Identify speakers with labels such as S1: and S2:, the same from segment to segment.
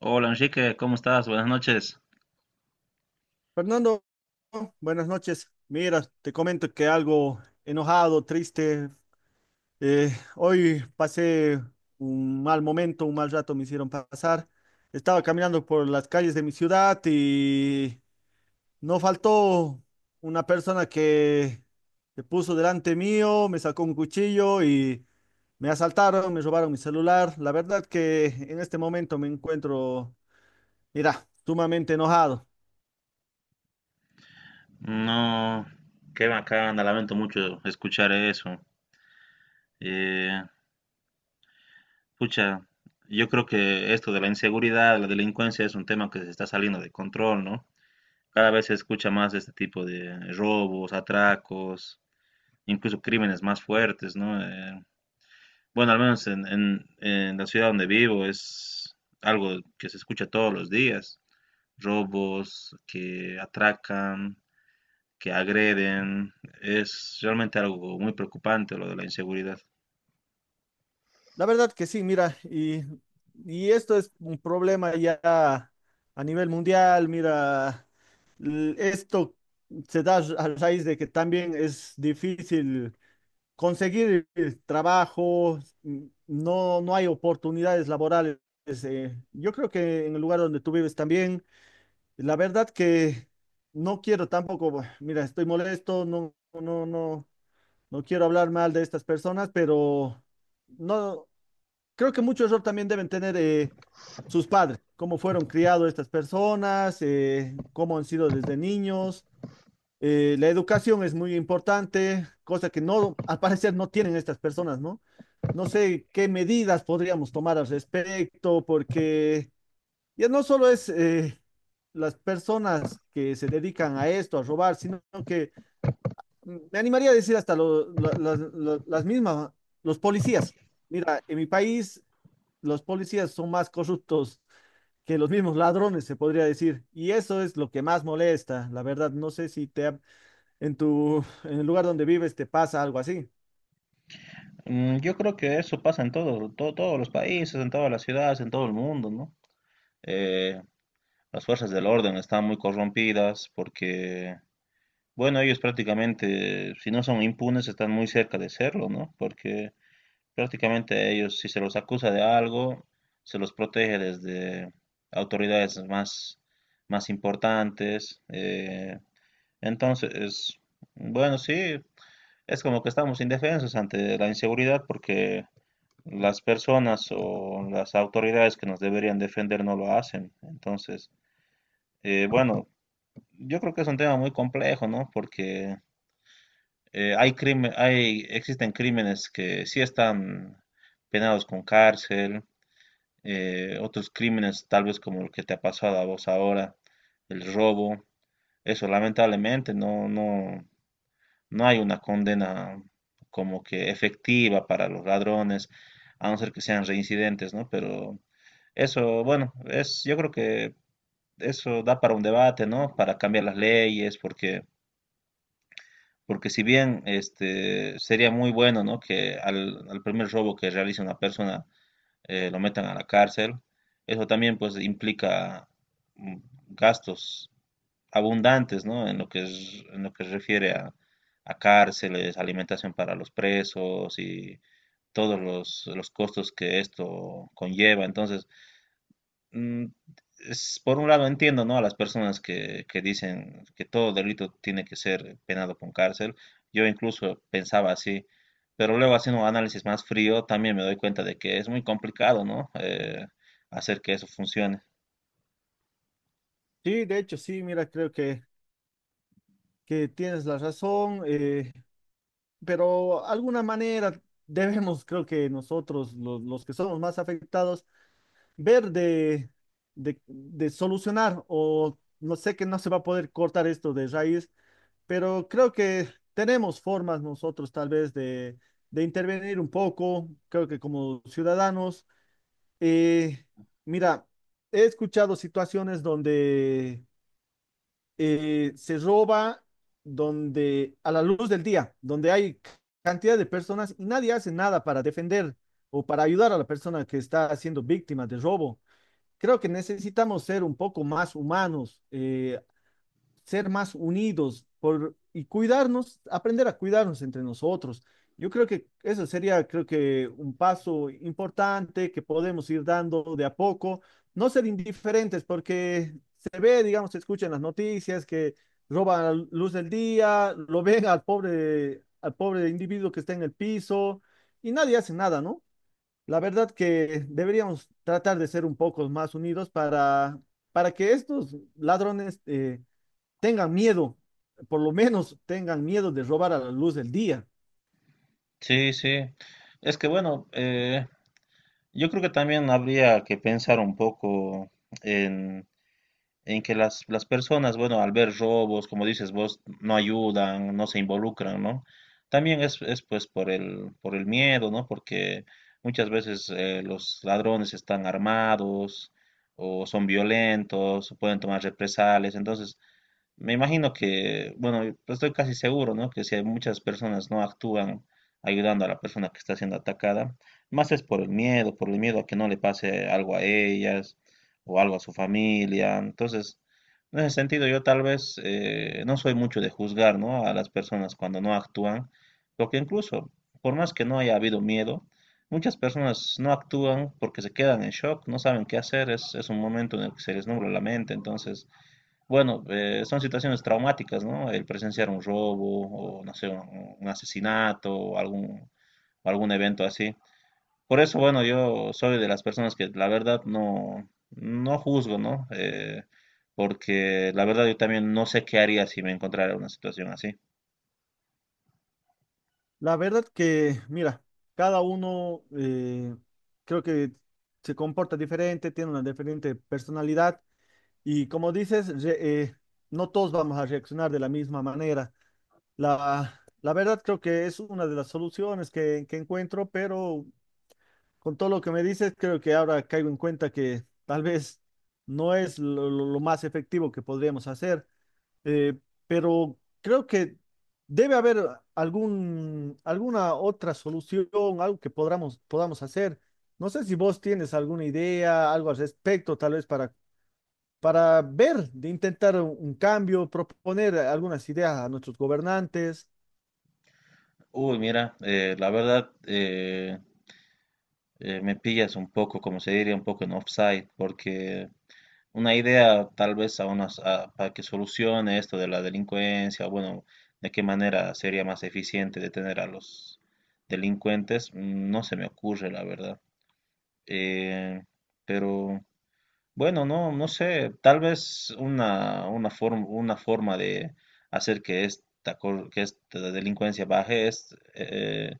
S1: Hola Enrique, ¿cómo estás? Buenas noches.
S2: Fernando, buenas noches. Mira, te comento que algo enojado, triste. eh, Hoy pasé un mal momento, un mal rato me hicieron pasar. Estaba caminando por las calles de mi ciudad y no faltó una persona que se puso delante mío, me sacó un cuchillo y me asaltaron, me robaron mi celular. La verdad que en este momento me encuentro, mira, sumamente enojado.
S1: No, qué bacana, lamento mucho escuchar eso. Eh, pucha, yo creo que esto de la inseguridad, la delincuencia es un tema que se está saliendo de control, ¿no? Cada vez se escucha más de este tipo de robos, atracos, incluso crímenes más fuertes, ¿no? Bueno, al menos en la ciudad donde vivo es algo que se escucha todos los días. Robos que atracan, que agreden. Es realmente algo muy preocupante lo de la inseguridad.
S2: La verdad que sí, mira, y esto es un problema ya a nivel mundial, mira, esto se da a raíz de que también es difícil conseguir el trabajo, no, no hay oportunidades laborales. Yo creo que en el lugar donde tú vives también, la verdad que no quiero tampoco, mira, estoy molesto, no, no, no, no quiero hablar mal de estas personas, pero no. Creo que mucho error también deben tener sus padres, cómo fueron criados estas personas, cómo han sido desde niños. La educación es muy importante, cosa que no, al parecer no tienen estas personas, ¿no? No sé qué medidas podríamos tomar al respecto, porque ya no solo es las personas que se dedican a esto, a robar, sino que me animaría a decir hasta las mismas, ¿no? Los policías. Mira, en mi país los policías son más corruptos que los mismos ladrones, se podría decir. Y eso es lo que más molesta, la verdad. No sé si te ha- En tu en el lugar donde vives te pasa algo así.
S1: Yo creo que eso pasa en todos los países, en todas las ciudades, en todo el mundo, ¿no? Eh, las fuerzas del orden están muy corrompidas porque, bueno, ellos prácticamente, si no son impunes, están muy cerca de serlo, ¿no? Porque prácticamente a ellos, si se los acusa de algo, se los protege desde autoridades más importantes. Entonces, bueno, sí, es como que estamos indefensos ante la inseguridad porque las personas o las autoridades que nos deberían defender no lo hacen. Entonces, bueno, yo creo que es un tema muy complejo, ¿no? Porque hay crimen, hay, existen crímenes que sí están penados con cárcel, otros crímenes tal vez como el que te ha pasado a vos ahora, el robo. Eso lamentablemente no, hay una condena como que efectiva para los ladrones, a no ser que sean reincidentes, ¿no? Pero eso, bueno, es, yo creo que eso da para un debate, ¿no? Para cambiar las leyes, porque, porque si bien este sería muy bueno, ¿no? Que al primer robo que realice una persona lo metan a la cárcel, eso también pues implica mm, gastos abundantes, ¿no? En lo que es, en lo que se refiere a cárceles, alimentación para los presos y todos los costos que esto conlleva. Entonces, mm, por un lado entiendo, ¿no? A las personas que dicen que todo delito tiene que ser penado con cárcel. Yo incluso pensaba así, pero luego haciendo un análisis más frío también me doy cuenta de que es muy complicado, ¿no? Hacer que eso funcione.
S2: Sí, de hecho, sí, mira, que tienes la razón, pero alguna manera debemos, creo que nosotros, los que somos más afectados, ver de solucionar o no sé que no se va a poder cortar esto de raíz, pero creo que tenemos formas nosotros tal vez de intervenir un poco, creo que como ciudadanos. eh, Mira, he escuchado situaciones donde se roba, donde a la luz del día, donde hay cantidad de personas y nadie hace nada para defender o para ayudar a la persona que está siendo víctima de robo. Creo que necesitamos ser un poco más humanos, ser más unidos por, y cuidarnos, aprender a cuidarnos entre nosotros. Yo creo que eso sería, creo que un paso importante que podemos ir dando de a poco, no ser indiferentes porque se ve, digamos, se escucha en las noticias que roban la luz del día, lo ven al pobre individuo que está en el piso y nadie hace nada, ¿no? La verdad que deberíamos tratar de ser un poco más unidos para que estos ladrones tengan miedo, por lo menos tengan miedo de robar a la luz del día.
S1: Sí, sí. Es que bueno, yo creo que también habría que pensar un poco en, en que las personas, bueno, al ver robos, como dices vos, no ayudan, no se involucran, ¿no? También es pues por por el miedo, ¿no? Porque muchas veces los ladrones están armados o son violentos, o pueden tomar represalias, entonces me imagino que, bueno, estoy casi seguro, ¿no? Que si hay muchas personas no actúan ayudando a la persona que está siendo atacada, más es por el miedo a que no le pase algo a ellas o algo a su familia. Entonces, en ese sentido, yo tal vez no soy mucho de juzgar, ¿no? A las personas cuando no actúan, porque incluso, por más que no haya habido miedo, muchas personas no actúan porque se quedan en shock, no saben qué hacer, es un momento en el que se les nubla la mente, entonces... Bueno, son situaciones traumáticas, ¿no? El presenciar un robo o, no sé, un asesinato o algún, algún evento así. Por eso, bueno, yo soy de las personas que la verdad no, no juzgo, ¿no? Porque la verdad yo también no sé qué haría si me encontrara en una situación así.
S2: La verdad que, mira, cada uno creo que se comporta diferente, tiene una diferente personalidad y como dices, no todos vamos a reaccionar de la misma manera. La verdad creo que es una de las soluciones que encuentro, pero con todo lo que me dices, creo que ahora caigo en cuenta que tal vez no es lo más efectivo que podríamos hacer, eh, pero creo que debe haber alguna otra solución, algo que podamos hacer. No sé si vos tienes alguna idea, algo al respecto, tal vez para ver, de intentar un cambio, proponer algunas ideas a nuestros gobernantes.
S1: Uy, mira, la verdad me pillas un poco, como se diría, un poco en offside, porque una idea tal vez a unas, para que solucione esto de la delincuencia, bueno, de qué manera sería más eficiente detener a los delincuentes, no se me ocurre, la verdad. Eh, pero bueno, no, no sé, tal vez una forma de hacer que esta, que esta delincuencia baje es...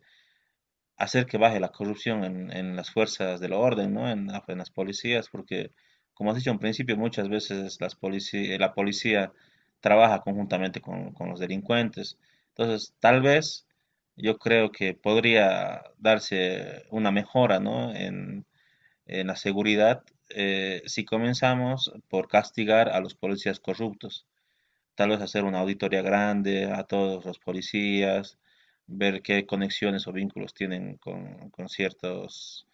S1: hacer que baje la corrupción en las fuerzas del orden, ¿no? En, en las policías, porque, como has dicho en principio, muchas veces la policía trabaja conjuntamente con los delincuentes. Entonces, tal vez yo creo que podría darse una mejora, ¿no? En la seguridad si comenzamos por castigar a los policías corruptos. Tal vez hacer una auditoría grande a todos los policías, ver qué conexiones o vínculos tienen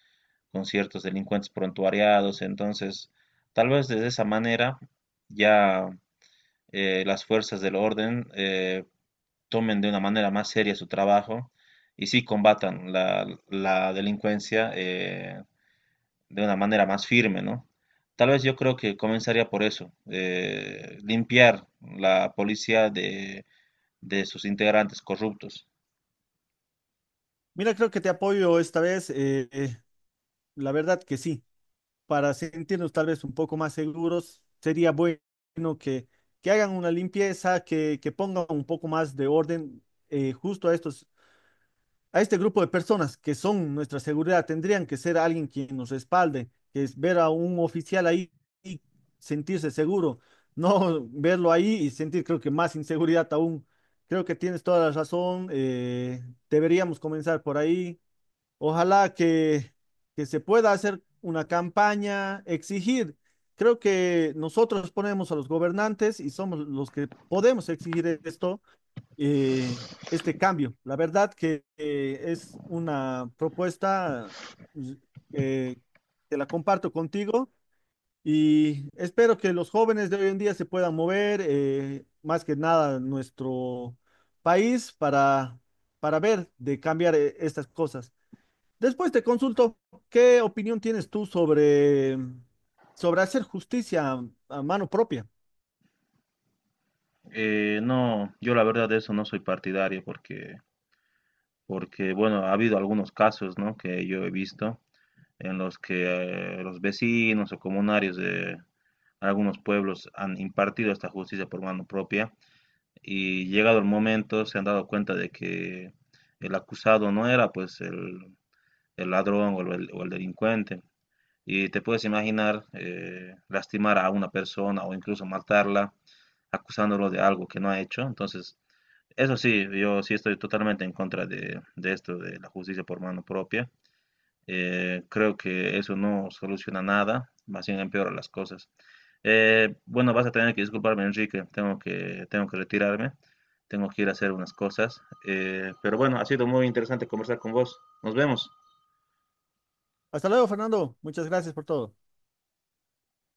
S1: con ciertos delincuentes prontuariados. Entonces, tal vez de esa manera ya las fuerzas del orden tomen de una manera más seria su trabajo y sí combatan la delincuencia de una manera más firme, ¿no? Tal vez yo creo que comenzaría por eso, limpiar la policía de sus integrantes corruptos.
S2: Mira, creo que te apoyo esta vez, la verdad que sí. Para sentirnos tal vez un poco más seguros, sería bueno que, que hagan una limpieza, que pongan un poco más de orden justo a estos, a este grupo de personas que son nuestra seguridad. Tendrían que ser alguien quien nos respalde, que es ver a un oficial ahí y sentirse seguro, no verlo ahí y sentir creo que más inseguridad aún. Creo que tienes toda la razón. Deberíamos comenzar por ahí. Ojalá que se pueda hacer una campaña, exigir. Creo que nosotros ponemos a los gobernantes y somos los que podemos exigir esto, este cambio. La verdad que es una propuesta pues, eh, que la comparto contigo y espero que los jóvenes de hoy en día se puedan mover, más que nada nuestro país, para ver de cambiar estas cosas. Después te consulto, ¿qué opinión tienes tú sobre, sobre hacer justicia a mano propia?
S1: No, yo la verdad de eso no soy partidario porque, porque, bueno, ha habido algunos casos, ¿no? que yo he visto en los que los vecinos o comunarios de algunos pueblos han impartido esta justicia por mano propia y llegado el momento se han dado cuenta de que el acusado no era pues el ladrón o el delincuente, y te puedes imaginar lastimar a una persona o incluso matarla acusándolo de algo que no ha hecho. Entonces, eso sí, yo sí estoy totalmente en contra de esto, de la justicia por mano propia. Creo que eso no soluciona nada, más bien empeora las cosas. Bueno, vas a tener que disculparme, Enrique, tengo que retirarme, tengo que ir a hacer unas cosas. Pero bueno, ha sido muy interesante conversar con vos. Nos vemos.
S2: Hasta luego, Fernando. Muchas gracias por todo.